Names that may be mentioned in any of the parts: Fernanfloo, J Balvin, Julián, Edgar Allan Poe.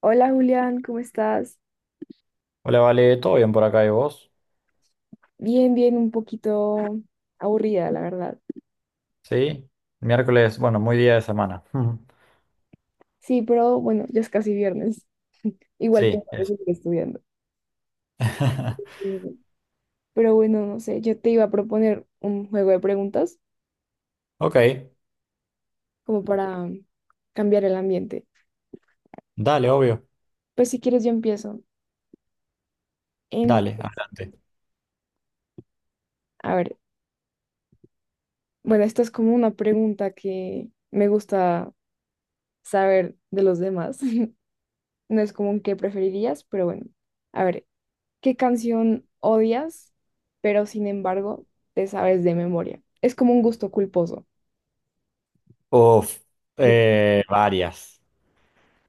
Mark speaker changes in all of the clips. Speaker 1: Hola Julián, ¿cómo estás?
Speaker 2: Hola, Vale, ¿todo bien por acá y vos?
Speaker 1: Bien, bien, un poquito aburrida, la verdad.
Speaker 2: Sí, miércoles, bueno, muy día de semana. Ujú.
Speaker 1: Sí, pero bueno, ya es casi viernes. Igual tengo
Speaker 2: Sí,
Speaker 1: que
Speaker 2: eso.
Speaker 1: seguir estudiando. Mm, Pero bueno, no sé, yo te iba a proponer un juego de preguntas
Speaker 2: Ok,
Speaker 1: como para cambiar el ambiente.
Speaker 2: dale, obvio,
Speaker 1: Pues si quieres yo empiezo. En,
Speaker 2: dale, adelante.
Speaker 1: a ver, bueno, esta es como una pregunta que me gusta saber de los demás. No es como un qué preferirías, pero bueno. A ver, ¿qué canción odias, pero sin embargo te sabes de memoria? Es como un gusto culposo.
Speaker 2: Uf,
Speaker 1: De-
Speaker 2: varias,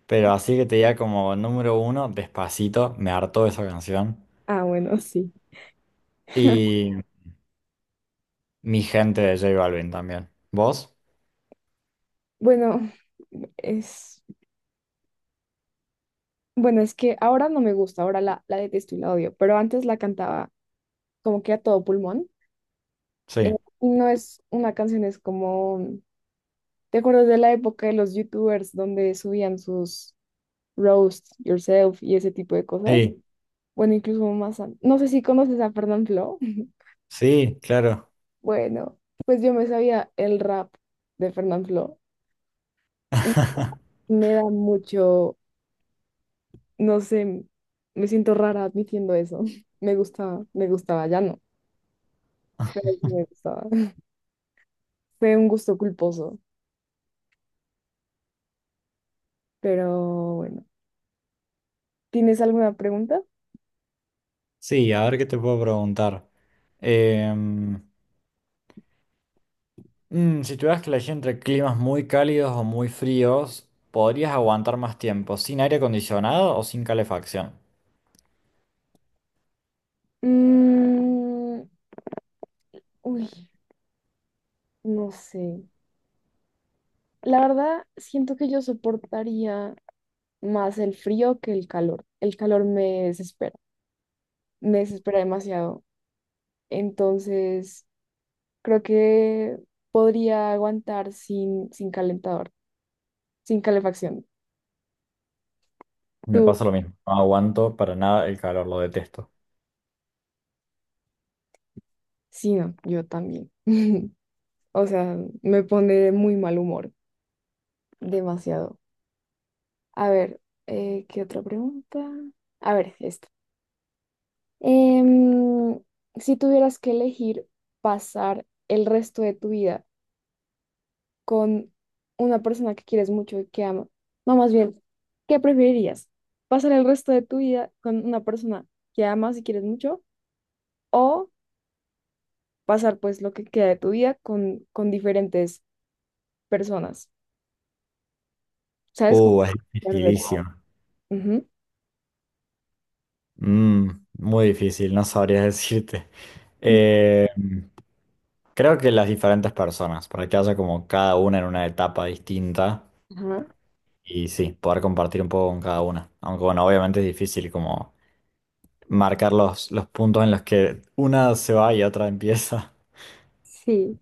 Speaker 2: pero así que te diga como número uno, Despacito, me hartó esa canción.
Speaker 1: Ah, bueno, sí.
Speaker 2: Y Mi Gente de J Balvin también. ¿Vos?
Speaker 1: Bueno, es, bueno, es que ahora no me gusta, ahora la detesto y la odio, pero antes la cantaba como que a todo pulmón.
Speaker 2: Sí,
Speaker 1: No es una canción, es como, ¿te acuerdas de la época de los youtubers donde subían sus roast yourself y ese tipo de cosas?
Speaker 2: sí,
Speaker 1: Bueno, incluso más, no sé si conoces a Fernanfloo.
Speaker 2: sí, claro.
Speaker 1: Bueno, pues yo me sabía el rap de Fernanfloo y me da mucho, no sé, me siento rara admitiendo eso. Me gustaba, ya no, pero sí me gustaba. Fue un gusto culposo, pero bueno. ¿Tienes alguna pregunta?
Speaker 2: Sí, a ver qué te puedo preguntar. Em, si tuvieras que elegir entre climas muy cálidos o muy fríos, ¿podrías aguantar más tiempo sin aire acondicionado o sin calefacción?
Speaker 1: Mm, uy, no sé. La verdad, siento que yo soportaría más el frío que el calor. El calor me desespera demasiado. Entonces. Creo que podría aguantar sin calentador, sin calefacción.
Speaker 2: Me
Speaker 1: Tú,
Speaker 2: pasa lo mismo, no aguanto para nada el calor, lo detesto.
Speaker 1: sí, no, yo también. O sea, me pone de muy mal humor, demasiado. A ver, ¿qué otra pregunta? A ver, esta. Em, si tuvieras que elegir pasar el resto de tu vida con una persona que quieres mucho y que ama, no, más bien, ¿qué preferirías? ¿Pasar el resto de tu vida con una persona que amas y quieres mucho, o pasar pues lo que queda de tu vida con diferentes personas, ¿sabes? Como.
Speaker 2: Es
Speaker 1: Perfecto.
Speaker 2: dificilísimo.
Speaker 1: Ujú.
Speaker 2: Mm, muy difícil, no sabría decirte. Eh, creo que las diferentes personas, para que haya como cada una en una etapa distinta
Speaker 1: Ajá,
Speaker 2: y sí, poder compartir un poco con cada una. Aunque bueno, obviamente es difícil como marcar los puntos en los que una se va y otra empieza.
Speaker 1: sí,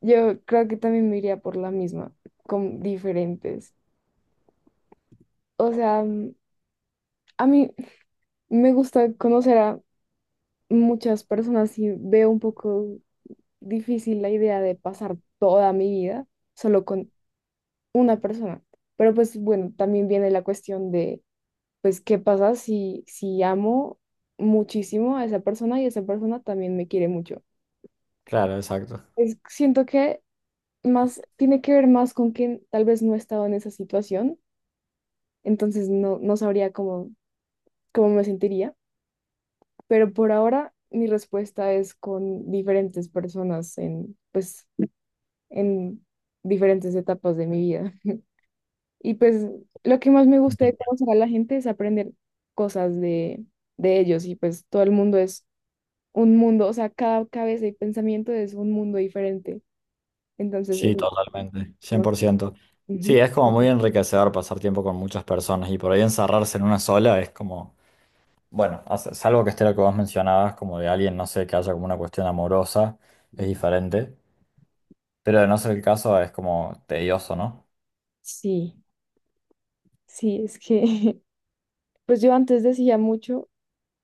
Speaker 1: yo creo que también me iría por la misma, con diferentes. O sea, a mí me gusta conocer a muchas personas y veo un poco difícil la idea de pasar toda mi vida solo con una persona. Pero pues bueno, también viene la cuestión de pues, ¿qué pasa si amo muchísimo a esa persona y esa persona también me quiere mucho?
Speaker 2: Claro, exacto.
Speaker 1: Pues siento que más tiene que ver más con que tal vez no he estado en esa situación, entonces no, no sabría cómo, me sentiría, pero por ahora mi respuesta es con diferentes personas en diferentes etapas de mi vida. Y pues lo que más me gusta de conocer a la gente es aprender cosas de ellos y pues todo el mundo es un mundo, o sea, cada cabeza y pensamiento es un mundo diferente. Entonces,
Speaker 2: Sí, totalmente, cien
Speaker 1: como-
Speaker 2: por ciento. Sí,
Speaker 1: Ujú.
Speaker 2: es como muy enriquecedor pasar tiempo con muchas personas y por ahí encerrarse en una sola es como, bueno, salvo que esté lo que vos mencionabas, como de alguien, no sé, que haya como una cuestión amorosa, es diferente, pero de no ser el caso es como tedioso, ¿no?
Speaker 1: Sí, sí, es que, pues yo antes decía mucho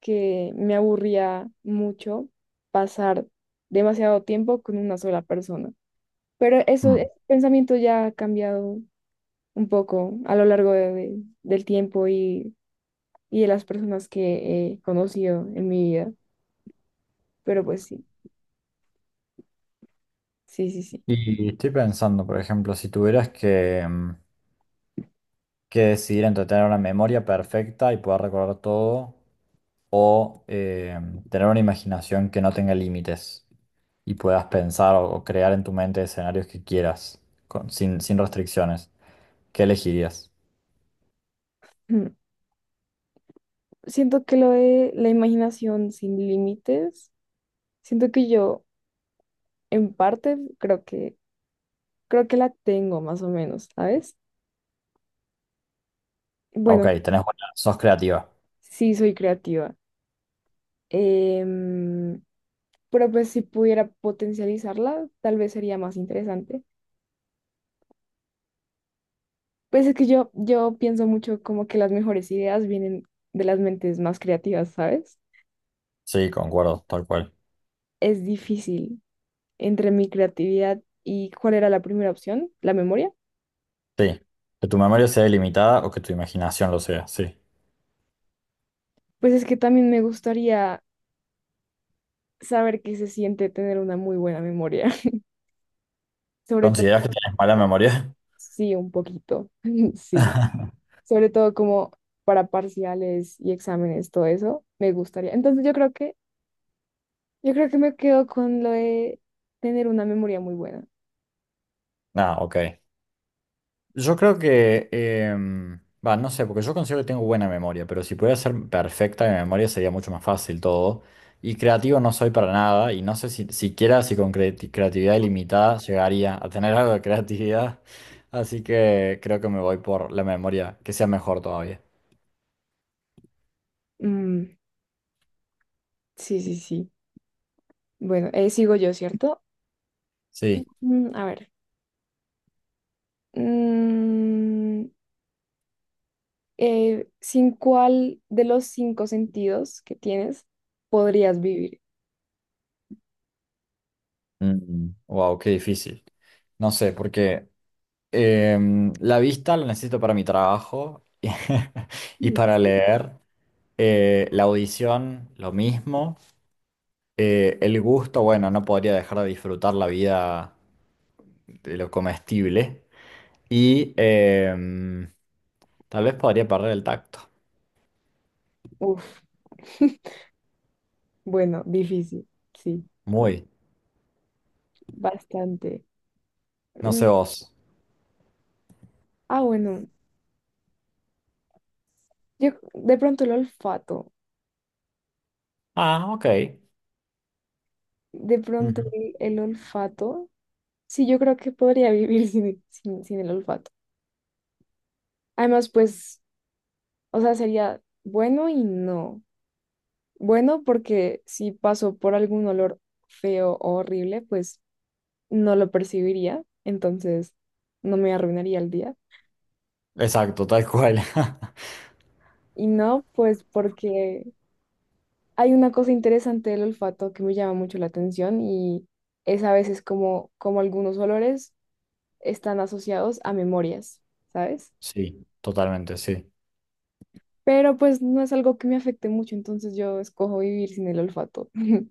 Speaker 1: que me aburría mucho pasar demasiado tiempo con una sola persona, pero eso,
Speaker 2: Mm.
Speaker 1: ese pensamiento ya ha cambiado un poco a lo largo del tiempo y de las personas que he conocido en mi vida, pero pues sí, sí, sí, sí.
Speaker 2: Y estoy pensando, por ejemplo, si tuvieras que, mm, que decidir entre tener una memoria perfecta y poder recordar todo o tener una imaginación que no tenga límites. Y puedas pensar o crear en tu mente escenarios que quieras, sin, sin restricciones. ¿Qué elegirías?
Speaker 1: Siento que lo de la imaginación sin límites, siento que yo en parte creo que la tengo más o menos, ¿sabes?
Speaker 2: Ok,
Speaker 1: Bueno,
Speaker 2: tenés buena, sos creativa.
Speaker 1: sí soy creativa. em, pero pues si pudiera potencializarla, tal vez sería más interesante. Pues es que yo pienso mucho como que las mejores ideas vienen de las mentes más creativas, ¿sabes?
Speaker 2: Sí, concuerdo, tal cual.
Speaker 1: Es difícil entre mi creatividad y cuál era la primera opción, la memoria.
Speaker 2: Sí. Que tu memoria sea ilimitada o que tu imaginación lo sea, sí.
Speaker 1: Pues es que también me gustaría saber qué se siente tener una muy buena memoria. Sobre
Speaker 2: ¿Consideras
Speaker 1: todo,
Speaker 2: que tienes mala memoria?
Speaker 1: sí, un poquito, sí. Sobre todo como para parciales y exámenes, todo eso, me gustaría. Entonces yo creo que me quedo con lo de tener una memoria muy buena.
Speaker 2: Ah, ok. Yo creo que, em, va, no sé, porque yo considero que tengo buena memoria, pero si pudiera ser perfecta mi memoria sería mucho más fácil todo. Y creativo no soy para nada, y no sé si siquiera si con creatividad ilimitada llegaría a tener algo de creatividad. Así que creo que me voy por la memoria, que sea mejor todavía.
Speaker 1: Mm, sí, sí, sí. Bueno, sigo yo, ¿cierto?
Speaker 2: Sí.
Speaker 1: A ver. Mm, ¿sin cuál de los cinco sentidos que tienes podrías vivir?
Speaker 2: Wow, qué difícil. No sé, porque la vista la necesito para mi trabajo y
Speaker 1: Mm.
Speaker 2: para leer. La audición, lo mismo. Eh, el gusto, bueno, no podría dejar de disfrutar la vida de lo comestible. Y tal vez podría perder el tacto.
Speaker 1: Uf. Bueno, difícil, sí,
Speaker 2: Muy.
Speaker 1: bastante.
Speaker 2: No
Speaker 1: Mm,
Speaker 2: sé vos.
Speaker 1: Ah, bueno, yo de pronto el olfato,
Speaker 2: Ah, ok.
Speaker 1: de pronto
Speaker 2: Ujú.
Speaker 1: el olfato, sí, yo creo que podría vivir sin el olfato. Además, pues, o sea, sería bueno y no. Bueno, porque si paso por algún olor feo o horrible, pues no lo percibiría, entonces no me arruinaría el día.
Speaker 2: Exacto, tal cual.
Speaker 1: Y no, pues porque hay una cosa interesante del olfato que me llama mucho la atención y es a veces como algunos olores están asociados a memorias, ¿sabes?
Speaker 2: Sí, totalmente, sí.
Speaker 1: Pero pues no es algo que me afecte mucho, entonces yo escojo vivir sin el olfato.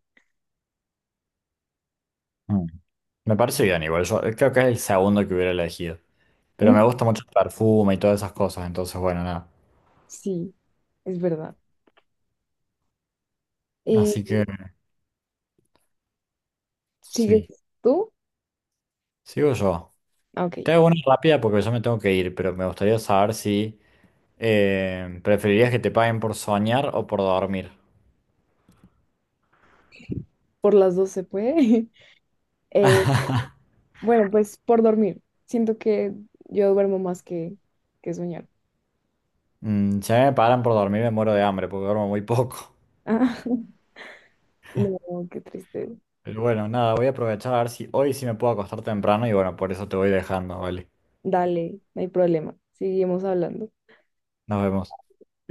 Speaker 2: Mm. Me parece bien igual. Yo creo que es el segundo que hubiera elegido. Pero me gusta mucho el perfume y todas esas cosas, entonces bueno, nada.
Speaker 1: Sí, es verdad. Eh,
Speaker 2: Así que
Speaker 1: ¿sigues
Speaker 2: sí,
Speaker 1: tú?
Speaker 2: sigo yo.
Speaker 1: Ah, Ok,
Speaker 2: Te hago una rápida porque yo me tengo que ir, pero me gustaría saber si ¿preferirías que te paguen por soñar o por dormir?
Speaker 1: por las dos se puede. Eh, bueno, pues por dormir. Siento que yo duermo más que soñar.
Speaker 2: Mm, si a mí me pagan por dormir me muero de hambre porque duermo muy poco.
Speaker 1: Ah, no, qué triste.
Speaker 2: Pero bueno, nada, voy a aprovechar a ver si hoy sí me puedo acostar temprano y bueno, por eso te voy dejando, ¿vale?
Speaker 1: Dale, no hay problema. Seguimos hablando.
Speaker 2: Nos vemos.